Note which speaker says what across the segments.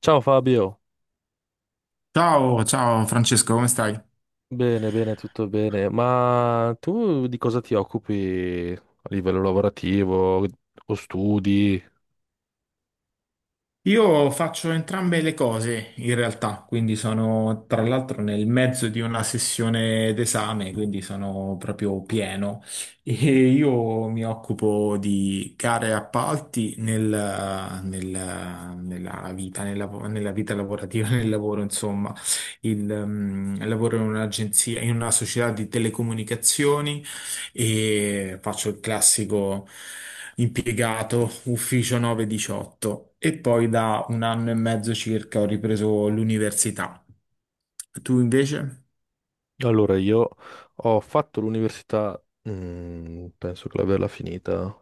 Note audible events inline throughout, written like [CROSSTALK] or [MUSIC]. Speaker 1: Ciao Fabio,
Speaker 2: Ciao, ciao Francesco, come stai?
Speaker 1: bene, bene, tutto bene. Ma tu di cosa ti occupi a livello lavorativo o studi?
Speaker 2: Io faccio entrambe le cose in realtà, quindi sono tra l'altro nel mezzo di una sessione d'esame, quindi sono proprio pieno e io mi occupo di gare e appalti nella vita, nella vita lavorativa, [LAUGHS] nel lavoro, insomma. Lavoro in un'agenzia, in una società di telecomunicazioni e faccio il classico impiegato ufficio 9-18 e poi da 1 anno e mezzo circa ho ripreso l'università. Tu invece?
Speaker 1: Allora, io ho fatto l'università, penso che l'averla finita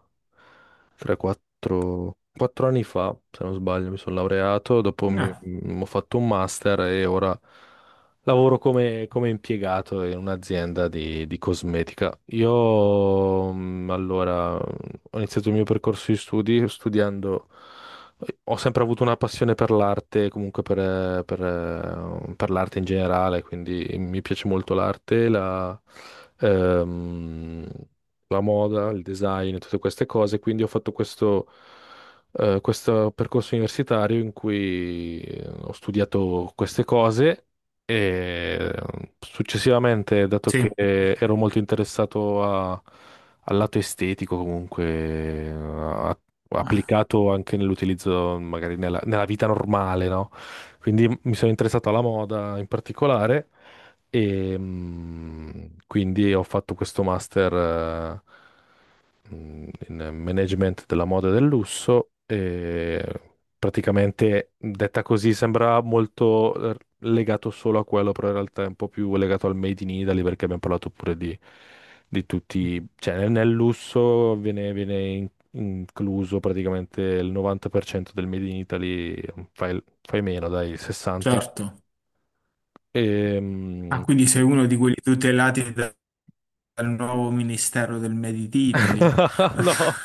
Speaker 1: 3-4 anni fa, se non sbaglio, mi sono laureato, dopo
Speaker 2: No,
Speaker 1: ho fatto un master e ora lavoro come impiegato in un'azienda di cosmetica. Io, allora, ho iniziato il mio percorso di studi studiando ho sempre avuto una passione per l'arte, comunque per l'arte in generale, quindi mi piace molto l'arte, ehm, la moda, il design, tutte queste cose. Quindi ho fatto questo percorso universitario in cui ho studiato queste cose e successivamente, dato che
Speaker 2: sì,
Speaker 1: ero molto interessato al lato estetico, comunque, a
Speaker 2: ah,
Speaker 1: applicato anche nell'utilizzo, magari nella vita normale, no? Quindi mi sono interessato alla moda in particolare e quindi ho fatto questo master in management della moda e del lusso e praticamente detta così sembra molto legato solo a quello, però in realtà è un po' più legato al Made in Italy perché abbiamo parlato pure di tutti, cioè nel lusso viene incluso praticamente il 90% del Made in Italy, fai meno, dai, il 60%,
Speaker 2: certo. Ah,
Speaker 1: e,
Speaker 2: quindi sei uno di quelli tutelati da- dal nuovo Ministero del Made in Italy.
Speaker 1: [LAUGHS]
Speaker 2: [LAUGHS]
Speaker 1: No,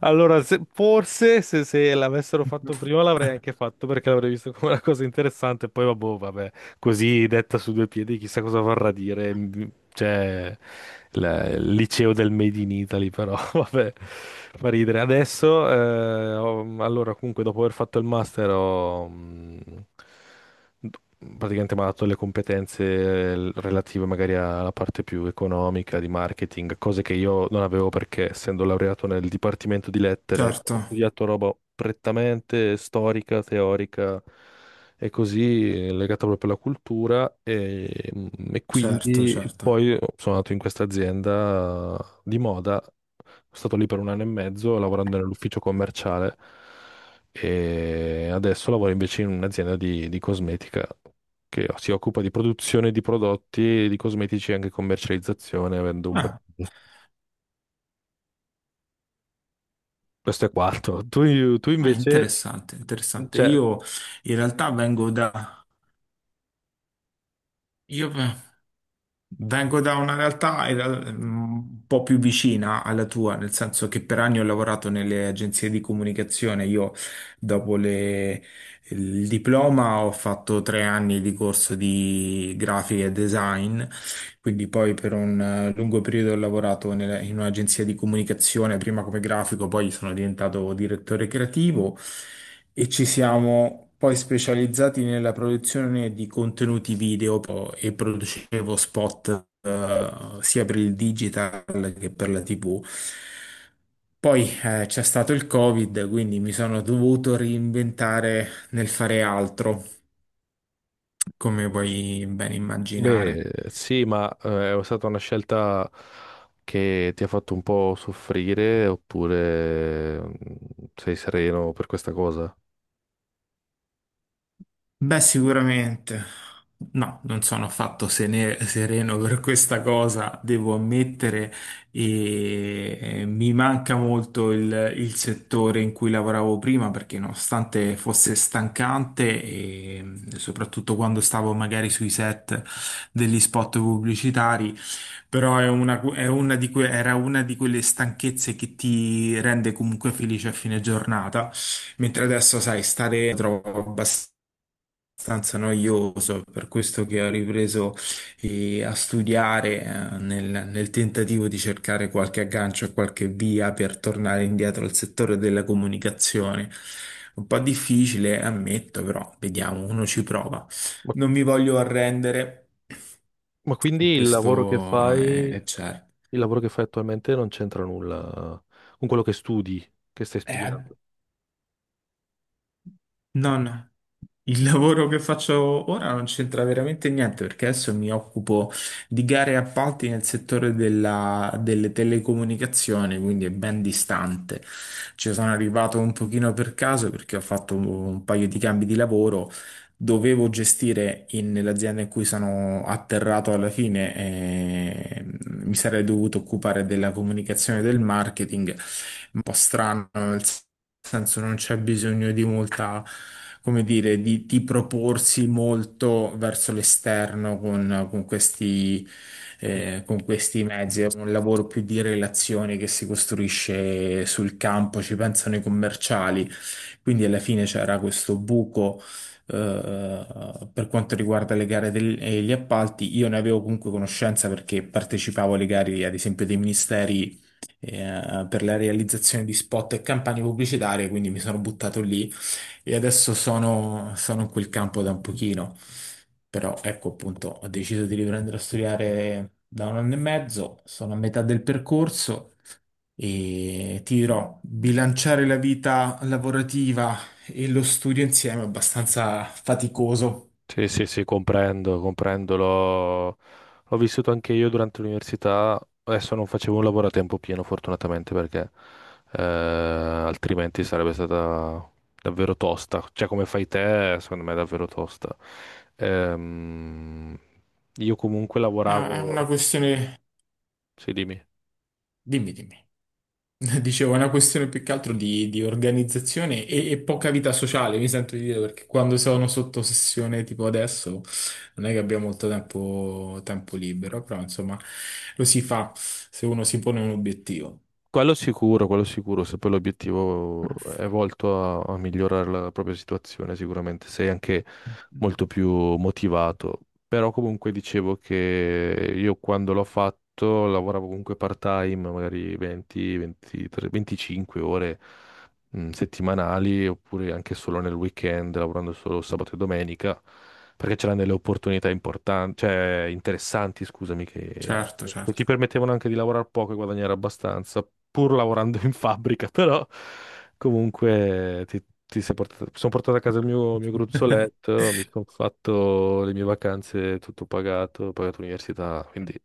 Speaker 1: allora forse se l'avessero fatto prima l'avrei anche fatto perché l'avrei visto come una cosa interessante. Poi vabbò, vabbè, così detta su due piedi, chissà cosa vorrà dire. Cioè, il liceo del Made in Italy, però [LAUGHS] vabbè, fa ridere. Adesso, allora, comunque, dopo aver fatto il master, praticamente mi ha dato le competenze relative magari alla parte più economica, di marketing, cose che io non avevo perché essendo laureato nel dipartimento di lettere
Speaker 2: Certo,
Speaker 1: ho studiato roba prettamente storica, teorica e così legata proprio alla cultura e
Speaker 2: certo,
Speaker 1: quindi
Speaker 2: certo.
Speaker 1: poi sono andato in questa azienda di moda, sono stato lì per un anno e mezzo lavorando nell'ufficio commerciale. E adesso lavoro invece in un'azienda di cosmetica che si occupa di produzione di prodotti, di cosmetici e anche commercializzazione, avendo un brand.
Speaker 2: Ah,
Speaker 1: Questo è quanto. Tu
Speaker 2: ah,
Speaker 1: invece,
Speaker 2: interessante, interessante.
Speaker 1: cioè,
Speaker 2: Io in realtà vengo da... Io, vengo da una realtà in un po' più vicina alla tua, nel senso che per anni ho lavorato nelle agenzie di comunicazione. Io, dopo le- il diploma, ho fatto 3 anni di corso di grafica e design, quindi poi per un lungo periodo ho lavorato nella- in un'agenzia di comunicazione, prima come grafico, poi sono diventato direttore creativo e ci siamo poi specializzati nella produzione di contenuti video po- e producevo spot sia per il digital che per la TV. Poi c'è stato il Covid, quindi mi sono dovuto reinventare nel fare altro, come puoi ben immaginare.
Speaker 1: beh, sì, ma è stata una scelta che ti ha fatto un po' soffrire, oppure sei sereno per questa cosa?
Speaker 2: Beh, sicuramente. No, non sono affatto sene- sereno per questa cosa, devo ammettere, e mi manca molto il settore in cui lavoravo prima perché nonostante fosse stancante e soprattutto quando stavo magari sui set degli spot pubblicitari, però è una di era una di quelle stanchezze che ti rende comunque felice a fine giornata, mentre adesso, sai, stare lo trovo abbastanza abbastanza noioso, è per questo che ho ripreso a studiare nel, nel tentativo di cercare qualche aggancio e qualche via per tornare indietro al settore della comunicazione. Un po' difficile, ammetto, però vediamo, uno ci prova.
Speaker 1: Ma,
Speaker 2: Non mi voglio arrendere,
Speaker 1: ma quindi il lavoro che
Speaker 2: questo
Speaker 1: fai,
Speaker 2: è certo.
Speaker 1: il lavoro che fai attualmente non c'entra nulla con quello che studi, che stai
Speaker 2: Eh,
Speaker 1: studiando?
Speaker 2: No, no. Il lavoro che faccio ora non c'entra veramente niente perché adesso mi occupo di gare e appalti nel settore della- delle telecomunicazioni, quindi è ben distante. Ci sono arrivato un pochino per caso perché ho fatto un paio di cambi di lavoro. Dovevo gestire in- nell'azienda in cui sono atterrato alla fine, mi sarei dovuto occupare della comunicazione e del marketing. Un po' strano, senso non c'è bisogno di molta, come dire, di proporsi molto verso l'esterno con questi mezzi. È un lavoro più di relazioni che si costruisce sul campo, ci pensano i commerciali. Quindi alla fine c'era questo buco. eh, per quanto riguarda le gare del- e gli appalti, io ne avevo comunque conoscenza perché partecipavo alle gare, ad esempio, dei ministeri per la realizzazione di spot e campagne pubblicitarie, quindi mi sono buttato lì e adesso sono, sono in quel campo da un pochino. Però ecco appunto, ho deciso di riprendere a studiare da 1 anno e mezzo, sono a metà del percorso e ti dirò, bilanciare la vita lavorativa e lo studio insieme è abbastanza faticoso.
Speaker 1: Sì, sì, sì, comprendo, comprendo. L'ho vissuto anche io durante l'università. Adesso non facevo un lavoro a tempo pieno, fortunatamente, perché altrimenti sarebbe stata davvero tosta. Cioè, come fai te, secondo me è davvero tosta. Ehm, io comunque
Speaker 2: È una
Speaker 1: lavoravo.
Speaker 2: questione...
Speaker 1: Sì, dimmi.
Speaker 2: Dimmi, dimmi. [LAUGHS] Dicevo, è una questione più che altro di organizzazione e poca vita sociale, mi sento di dire, perché quando sono sotto sessione tipo adesso non è che abbiamo molto tempo, tempo libero, però insomma lo si fa se uno si pone un obiettivo.
Speaker 1: Quello sicuro, se poi l'obiettivo è volto a migliorare la propria situazione, sicuramente sei anche molto più motivato. Però comunque dicevo che io quando l'ho fatto lavoravo comunque part-time, magari 20, 23, 25 ore settimanali, oppure anche solo nel weekend, lavorando solo sabato e domenica perché c'erano delle opportunità importanti, cioè interessanti, scusami, che
Speaker 2: Certo,
Speaker 1: che ti
Speaker 2: certo.
Speaker 1: permettevano anche di lavorare poco e guadagnare abbastanza, pur lavorando in fabbrica, [LAUGHS] però comunque ti sei portato, sono portato a casa il mio gruzzoletto, mi sono fatto le mie vacanze, tutto pagato, ho pagato l'università, quindi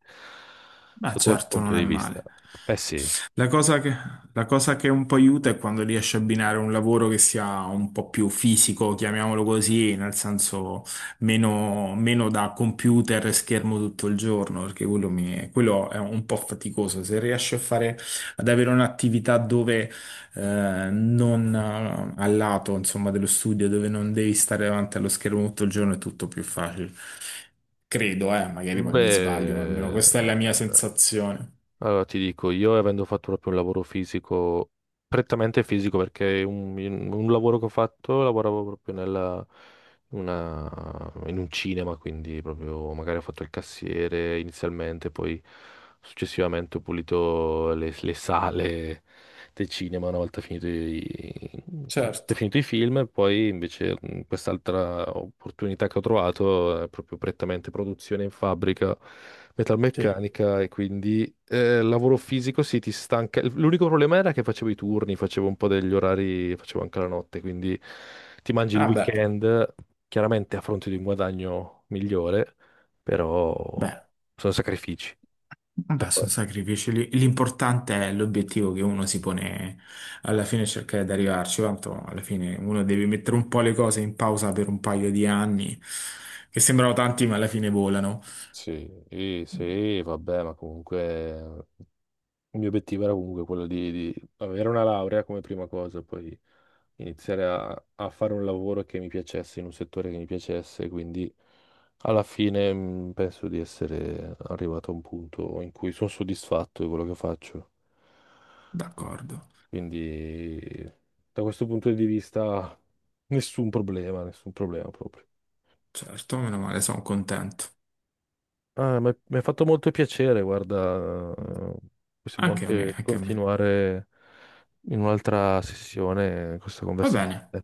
Speaker 2: Ma
Speaker 1: sotto quel
Speaker 2: certo,
Speaker 1: punto
Speaker 2: non è
Speaker 1: di vista.
Speaker 2: male.
Speaker 1: Eh sì,
Speaker 2: La cosa che, la cosa che un po' aiuta è quando riesci a abbinare un lavoro che sia un po' più fisico, chiamiamolo così, nel senso meno, meno da computer e schermo tutto il giorno, perché quello, mi- quello è un po' faticoso. Se riesci a fare, ad avere un'attività dove non al lato, insomma, dello studio, dove non devi stare davanti allo schermo tutto il giorno, è tutto più facile. Credo, magari poi mi sbaglio, ma almeno
Speaker 1: beh.
Speaker 2: questa è la mia sensazione.
Speaker 1: Allora, ti dico, io avendo fatto proprio un lavoro fisico, prettamente fisico, perché un lavoro che ho fatto, lavoravo proprio in un cinema, quindi proprio magari ho fatto il cassiere inizialmente, poi successivamente ho pulito le sale del cinema una volta finito i,
Speaker 2: Certo,
Speaker 1: finito i film, e poi invece quest'altra opportunità che ho trovato è proprio prettamente produzione in fabbrica
Speaker 2: sì.
Speaker 1: metalmeccanica e quindi lavoro fisico sì, ti stanca. L'unico problema era che facevo i turni, facevo un po' degli orari, facevo anche la notte, quindi ti mangi il
Speaker 2: Ah beh,
Speaker 1: weekend chiaramente a fronte di un guadagno migliore, però
Speaker 2: beh,
Speaker 1: sono sacrifici da
Speaker 2: vabbè, sono
Speaker 1: fare.
Speaker 2: sacrifici. L'importante è l'obiettivo che uno si pone alla fine e cercare di arrivarci. Tanto alla fine uno deve mettere un po' le cose in pausa per un paio di anni, che sembrano tanti, ma alla fine volano.
Speaker 1: Sì, sì, sì, vabbè, ma comunque eh, il mio obiettivo era comunque quello di avere una laurea come prima cosa, poi iniziare a fare un lavoro che mi piacesse, in un settore che mi piacesse, quindi alla fine penso di essere arrivato a un punto in cui sono soddisfatto di quello che faccio.
Speaker 2: D'accordo,
Speaker 1: Quindi da questo punto di vista nessun problema proprio.
Speaker 2: certo, meno male, sono contento.
Speaker 1: Ah, mi ha fatto molto piacere, guarda, possiamo
Speaker 2: Anche a me,
Speaker 1: anche
Speaker 2: anche a me.
Speaker 1: continuare in un'altra sessione questa
Speaker 2: Va bene.
Speaker 1: conversazione.